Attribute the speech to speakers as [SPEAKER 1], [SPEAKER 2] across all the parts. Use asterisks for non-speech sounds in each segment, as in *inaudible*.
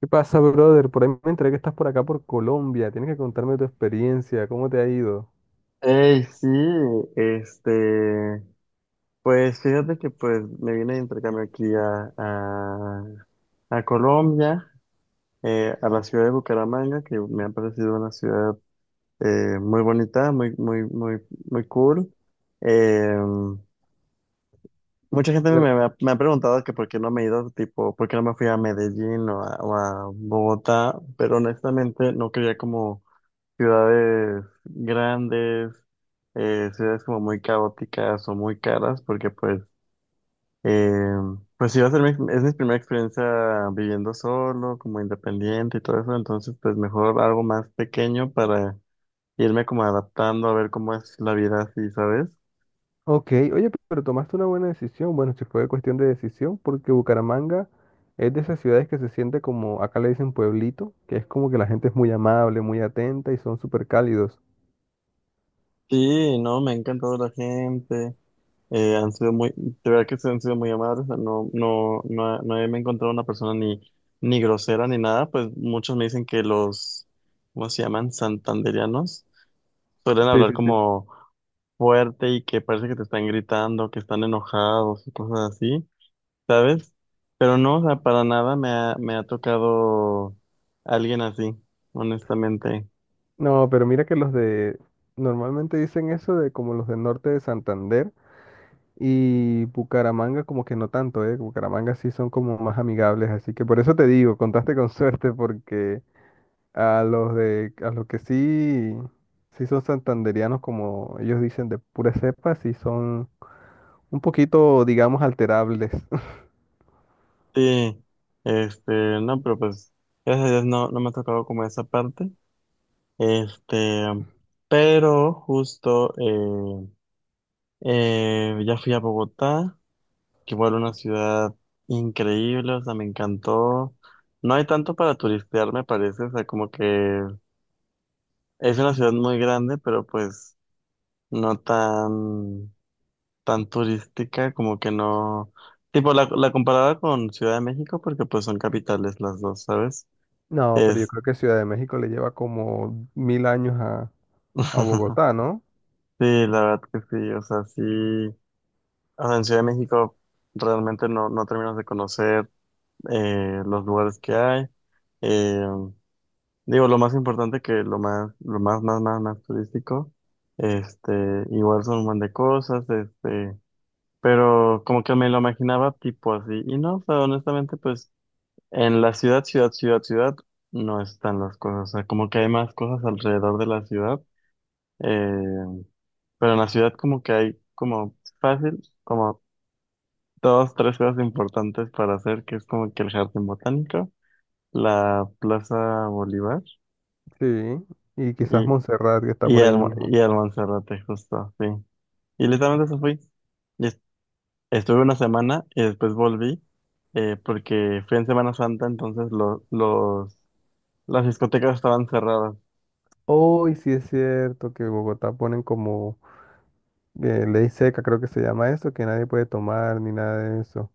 [SPEAKER 1] ¿Qué pasa, brother? Por ahí me enteré que estás por acá por Colombia. Tienes que contarme tu experiencia, cómo te ha ido.
[SPEAKER 2] Ey, sí, este, pues fíjate que pues me vine de intercambio aquí a Colombia, a la ciudad de Bucaramanga, que me ha parecido una ciudad muy bonita, muy cool. Eh, mucha gente me,
[SPEAKER 1] Bucar-
[SPEAKER 2] me ha, me ha preguntado que por qué no me he ido, tipo, por qué no me fui a Medellín o a Bogotá, pero honestamente no quería como ciudades grandes, ciudades como muy caóticas o muy caras, porque pues, eh, pues sí va a ser es mi primera experiencia viviendo solo, como independiente y todo eso, entonces pues mejor algo más pequeño para irme como adaptando a ver cómo es la vida así, ¿sabes?
[SPEAKER 1] Ok, oye, pero tomaste una buena decisión. Bueno, si fue cuestión de decisión, porque Bucaramanga es de esas ciudades que se siente como, acá le dicen pueblito, que es como que la gente es muy amable, muy atenta y son súper cálidos.
[SPEAKER 2] Sí, no, me ha encantado la gente. Han sido muy, de verdad que se han sido muy amables, o sea, no, no he me he encontrado una persona ni grosera ni nada, pues muchos me dicen que ¿cómo se llaman? Santandereanos, suelen
[SPEAKER 1] Sí,
[SPEAKER 2] hablar
[SPEAKER 1] sí, sí.
[SPEAKER 2] como fuerte y que parece que te están gritando, que están enojados y cosas así, ¿sabes? Pero no, o sea, para nada me ha tocado alguien así, honestamente.
[SPEAKER 1] No, pero mira que los de, normalmente dicen eso de como los del norte de Santander. Y Bucaramanga como que no tanto, ¿eh? Bucaramanga sí son como más amigables, así que por eso te digo, contaste con *laughs* suerte porque a los que sí son santandereanos, como ellos dicen, de pura cepa, sí son un poquito, digamos, alterables. *laughs*
[SPEAKER 2] Sí, este, no, pero pues, gracias a Dios no, no me ha tocado como esa parte. Este, pero justo ya fui a Bogotá, que igual una ciudad increíble, o sea, me encantó. No hay tanto para turistear, me parece, o sea, como que es una ciudad muy grande, pero pues no tan turística, como que no. Tipo, la comparaba con Ciudad de México, porque pues son capitales las dos, ¿sabes?
[SPEAKER 1] No, pero yo
[SPEAKER 2] Es.
[SPEAKER 1] creo que Ciudad de México le lleva como mil años a
[SPEAKER 2] *laughs*
[SPEAKER 1] Bogotá, ¿no?
[SPEAKER 2] Sí, la verdad que sí, o sea, sí. Ahora, en Ciudad de México realmente no, no terminas de conocer los lugares que hay. Eh, digo, lo más importante que lo más, más, más, más turístico, este, igual son un montón de cosas, pero como que me lo imaginaba tipo así. Y no, o sea, honestamente, pues en la ciudad, no están las cosas. O sea, como que hay más cosas alrededor de la ciudad. eh, pero en la ciudad como que hay como fácil, como dos, tres cosas importantes para hacer, que es como que el jardín botánico, la Plaza Bolívar
[SPEAKER 1] Sí, y quizás
[SPEAKER 2] y,
[SPEAKER 1] Montserrat que está por ahí mismo.
[SPEAKER 2] y el Monserrate, justo, sí. Y literalmente eso fui. Y es- Estuve una semana y después volví, porque fui en Semana Santa, entonces las discotecas estaban cerradas.
[SPEAKER 1] Hoy sí es cierto que Bogotá ponen como ley seca, creo que se llama eso, que nadie puede tomar ni nada de eso.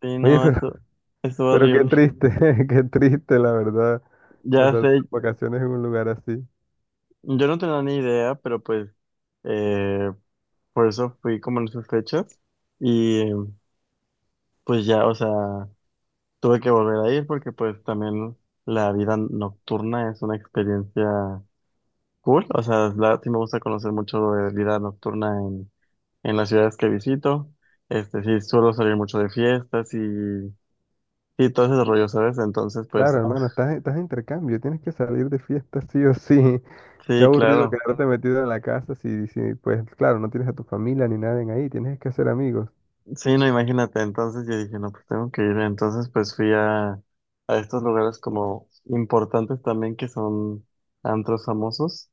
[SPEAKER 2] Sí,
[SPEAKER 1] Oye,
[SPEAKER 2] no,
[SPEAKER 1] pero,
[SPEAKER 2] eso
[SPEAKER 1] *laughs* pero qué
[SPEAKER 2] horrible. *laughs*
[SPEAKER 1] triste, *laughs* qué triste, la verdad,
[SPEAKER 2] Ya
[SPEAKER 1] pasar
[SPEAKER 2] sé,
[SPEAKER 1] tus vacaciones en un lugar así.
[SPEAKER 2] yo no tenía ni idea, pero pues eh, por eso fui como en esas fechas. Y pues ya, o sea. Tuve que volver a ir porque pues también la vida nocturna es una experiencia cool. O sea, la- sí me gusta conocer mucho de vida nocturna en las ciudades que visito. Este, sí, suelo salir mucho de fiestas y todo ese rollo, ¿sabes? Entonces, pues,
[SPEAKER 1] Claro,
[SPEAKER 2] ah,
[SPEAKER 1] hermano, estás de intercambio, tienes que salir de fiesta sí o sí. *laughs* Qué
[SPEAKER 2] sí,
[SPEAKER 1] aburrido
[SPEAKER 2] claro.
[SPEAKER 1] quedarte metido en la casa pues claro, no tienes a tu familia ni nadie en ahí, tienes que hacer amigos.
[SPEAKER 2] Sí, no, imagínate. Entonces yo dije, no, pues tengo que ir. Entonces, pues fui a estos lugares como importantes también que son antros famosos.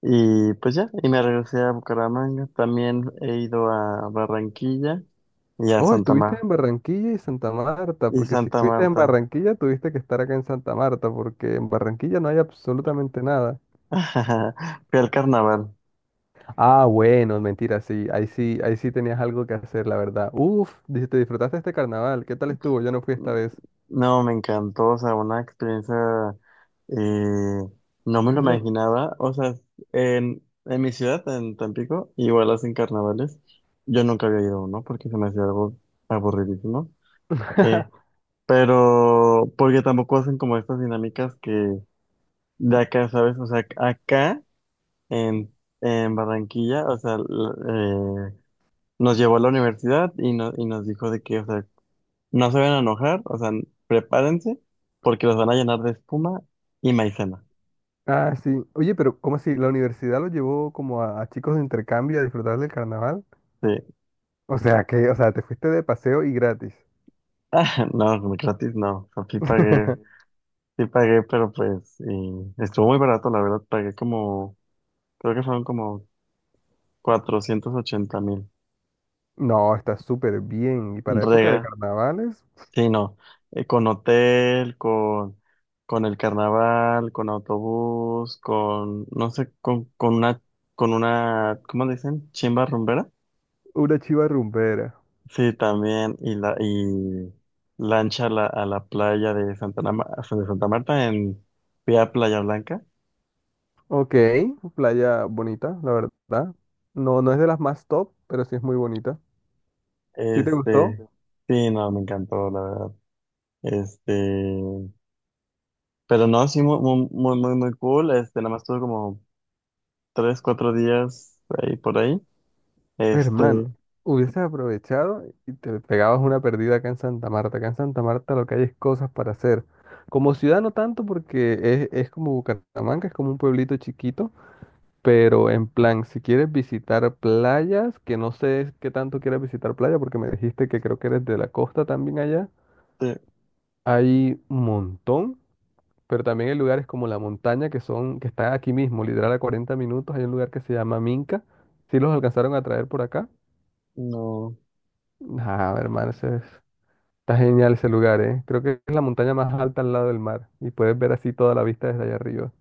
[SPEAKER 2] Y pues ya, y me regresé a Bucaramanga. También he ido a Barranquilla y a
[SPEAKER 1] Oh,
[SPEAKER 2] Santa
[SPEAKER 1] estuviste
[SPEAKER 2] Marta.
[SPEAKER 1] en Barranquilla y Santa Marta,
[SPEAKER 2] Y
[SPEAKER 1] porque si
[SPEAKER 2] Santa
[SPEAKER 1] estuviste en
[SPEAKER 2] Marta.
[SPEAKER 1] Barranquilla, tuviste que estar acá en Santa Marta, porque en Barranquilla no hay absolutamente nada.
[SPEAKER 2] *laughs* Fui al carnaval.
[SPEAKER 1] Ah, bueno, mentira, sí, ahí sí, ahí sí tenías algo que hacer, la verdad. Uf, di- te disfrutaste este carnaval, ¿qué tal estuvo? Yo no fui esta vez.
[SPEAKER 2] No, me encantó, o sea, una experiencia, eh, no me lo
[SPEAKER 1] Eso-
[SPEAKER 2] imaginaba. O sea, en mi ciudad, en Tampico, igual hacen carnavales. Yo nunca había ido a uno porque se me hacía algo aburridísimo. Eh,
[SPEAKER 1] *laughs*
[SPEAKER 2] pero porque tampoco hacen como estas dinámicas que de acá, ¿sabes? O sea, acá en, en Barranquilla, o sea, nos llevó a la universidad y, y nos dijo de que, o sea, no se van a enojar, o sea, prepárense porque los van a llenar de espuma y maicena.
[SPEAKER 1] Ah, sí. Oye, pero ¿cómo así? ¿La universidad lo llevó como a chicos de intercambio a disfrutar del carnaval?
[SPEAKER 2] Sí,
[SPEAKER 1] O sea, que, o sea, te fuiste de paseo y gratis.
[SPEAKER 2] *laughs* no, gratis no, o sea,
[SPEAKER 1] *laughs*
[SPEAKER 2] sí pagué, pero pues y estuvo muy barato, la verdad, creo que fueron como 480.000.
[SPEAKER 1] No, está súper bien. Y para época de
[SPEAKER 2] Rega,
[SPEAKER 1] carnavales,
[SPEAKER 2] sí, no, con hotel, con el carnaval, con autobús, con, no sé, con una, ¿cómo le dicen? Chimba rumbera.
[SPEAKER 1] una chiva rumbera.
[SPEAKER 2] Sí, también, y lancha a a la playa de de Santa Marta en vía Playa Blanca.
[SPEAKER 1] Ok, playa bonita, la verdad. No, no es de las más top, pero sí es muy bonita. ¿Sí te gustó?
[SPEAKER 2] Este, sí, no, me encantó, la verdad. Este, pero no, sí, muy cool. Este, nada más tuve como tres, cuatro días ahí por ahí. Este,
[SPEAKER 1] Hermano, hubieses aprovechado y te pegabas una perdida acá en Santa Marta. Acá en Santa Marta lo que hay es cosas para hacer. Como ciudad no tanto porque es como Bucaramanga, es como un pueblito chiquito, pero en plan, si quieres visitar playas, que no sé qué tanto quieres visitar playa porque me dijiste que creo que eres de la costa también allá,
[SPEAKER 2] sí,
[SPEAKER 1] hay un montón, pero también hay lugares como la montaña que son, que está aquí mismo, literal a 40 minutos, hay un lugar que se llama Minca. ¿Si los alcanzaron a traer por acá?
[SPEAKER 2] no.
[SPEAKER 1] Ah, hermano, ese es- está genial ese lugar, ¿eh? Creo que es la montaña más alta al lado del mar y puedes ver así toda la vista desde allá arriba.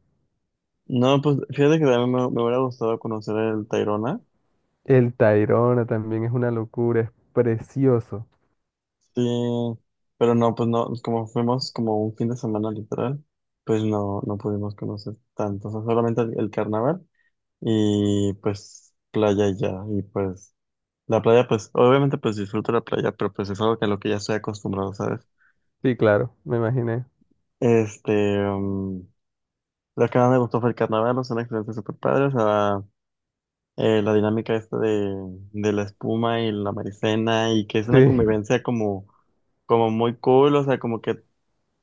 [SPEAKER 2] No, pues fíjate que también me hubiera gustado conocer el Tayrona.
[SPEAKER 1] El Tayrona también es una locura, es precioso.
[SPEAKER 2] Sí, pero no, pues no, como fuimos como un fin de semana literal, pues no, no pudimos conocer tanto. O sea, solamente el carnaval y pues playa y ya. Y pues la playa, pues obviamente pues disfruto la playa, pero pues es algo que a lo que ya estoy acostumbrado, ¿sabes?
[SPEAKER 1] Sí, claro, me imaginé.
[SPEAKER 2] Este, lo que más me gustó fue el carnaval, son experiencias súper padres. La dinámica esta de la espuma y la maicena y que es una
[SPEAKER 1] Sí,
[SPEAKER 2] convivencia como, como muy cool, o sea, como que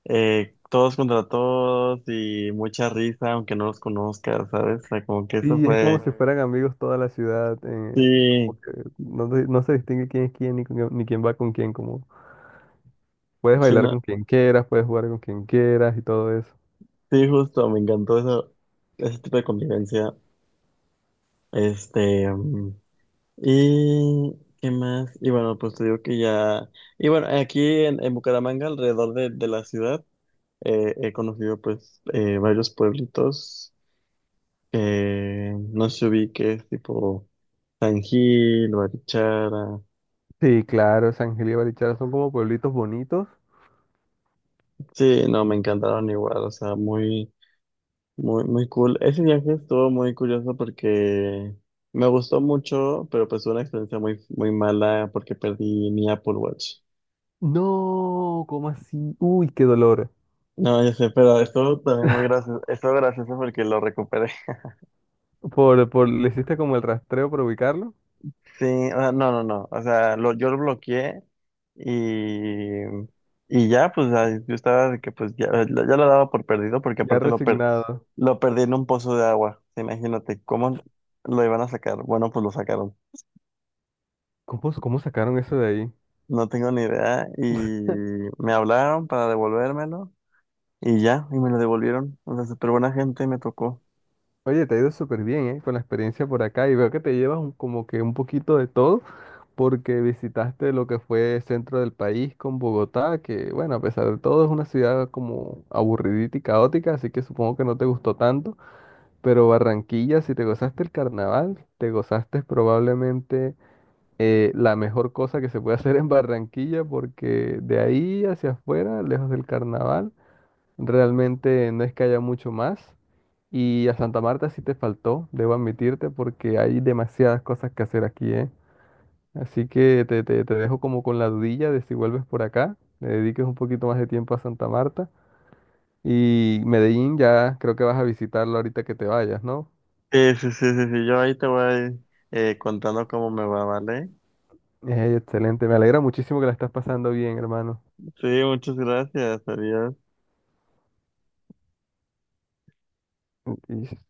[SPEAKER 2] todos contra todos y mucha risa, aunque no los conozcas, ¿sabes? O sea, como que eso
[SPEAKER 1] sí, es como si
[SPEAKER 2] fue,
[SPEAKER 1] bueno, fueran amigos toda la ciudad,
[SPEAKER 2] sí,
[SPEAKER 1] como que no, se no se distingue quién es quién ni, con- quién- ni quién va con quién, como puedes
[SPEAKER 2] sí,
[SPEAKER 1] bailar
[SPEAKER 2] no-
[SPEAKER 1] con quien quieras, puedes jugar con quien quieras y todo eso.
[SPEAKER 2] sí, justo, me encantó eso, ese tipo de convivencia. Este, y qué más, y bueno, pues te digo que ya, y bueno, aquí en Bucaramanga, alrededor de la ciudad, he conocido pues varios pueblitos, no sé si que es tipo San Gil, Barichara.
[SPEAKER 1] Sí, claro, San Gil y Barichara son como pueblitos bonitos.
[SPEAKER 2] Sí, no, me encantaron igual, o sea, muy cool. Ese viaje estuvo muy curioso porque me gustó mucho, pero pues fue una experiencia muy, muy mala porque perdí mi Apple Watch.
[SPEAKER 1] No, ¿cómo así? Uy, qué dolor.
[SPEAKER 2] No, yo sé, pero estuvo también muy gracioso, estuvo gracioso porque lo recuperé.
[SPEAKER 1] Le hiciste como el rastreo para ubicarlo,
[SPEAKER 2] Sí, o sea, no. O sea, yo lo bloqueé y, y ya, pues ay, yo estaba de que pues ya lo daba por perdido porque
[SPEAKER 1] ya
[SPEAKER 2] aparte
[SPEAKER 1] resignado.
[SPEAKER 2] lo perdí en un pozo de agua. Imagínate cómo lo iban a sacar. Bueno, pues lo sacaron.
[SPEAKER 1] ¿Cómo sacaron eso de ahí?
[SPEAKER 2] No tengo ni idea y me hablaron para devolvérmelo y ya, y me lo devolvieron. O sea, súper buena gente me tocó.
[SPEAKER 1] Oye, te ha ido súper bien, ¿eh? Con la experiencia por acá y veo que te llevas un- como que un poquito de todo porque visitaste lo que fue centro del país con Bogotá, que bueno, a pesar de todo es una ciudad como aburridita y caótica, así que supongo que no te gustó tanto, pero Barranquilla, si te gozaste el carnaval, te gozaste probablemente la mejor cosa que se puede hacer en Barranquilla, porque de ahí hacia afuera, lejos del carnaval, realmente no es que haya mucho más. Y a Santa Marta sí te faltó, debo admitirte, porque hay demasiadas cosas que hacer aquí, ¿eh? Así que te- te dejo como con la dudilla de si vuelves por acá, le dediques un poquito más de tiempo a Santa Marta. Y Medellín ya creo que vas a visitarlo ahorita que te vayas, ¿no?
[SPEAKER 2] Sí. Yo ahí te voy contando cómo me va, ¿vale?
[SPEAKER 1] Excelente, me alegra muchísimo que la estás pasando bien, hermano.
[SPEAKER 2] Sí, muchas gracias. Adiós.
[SPEAKER 1] Y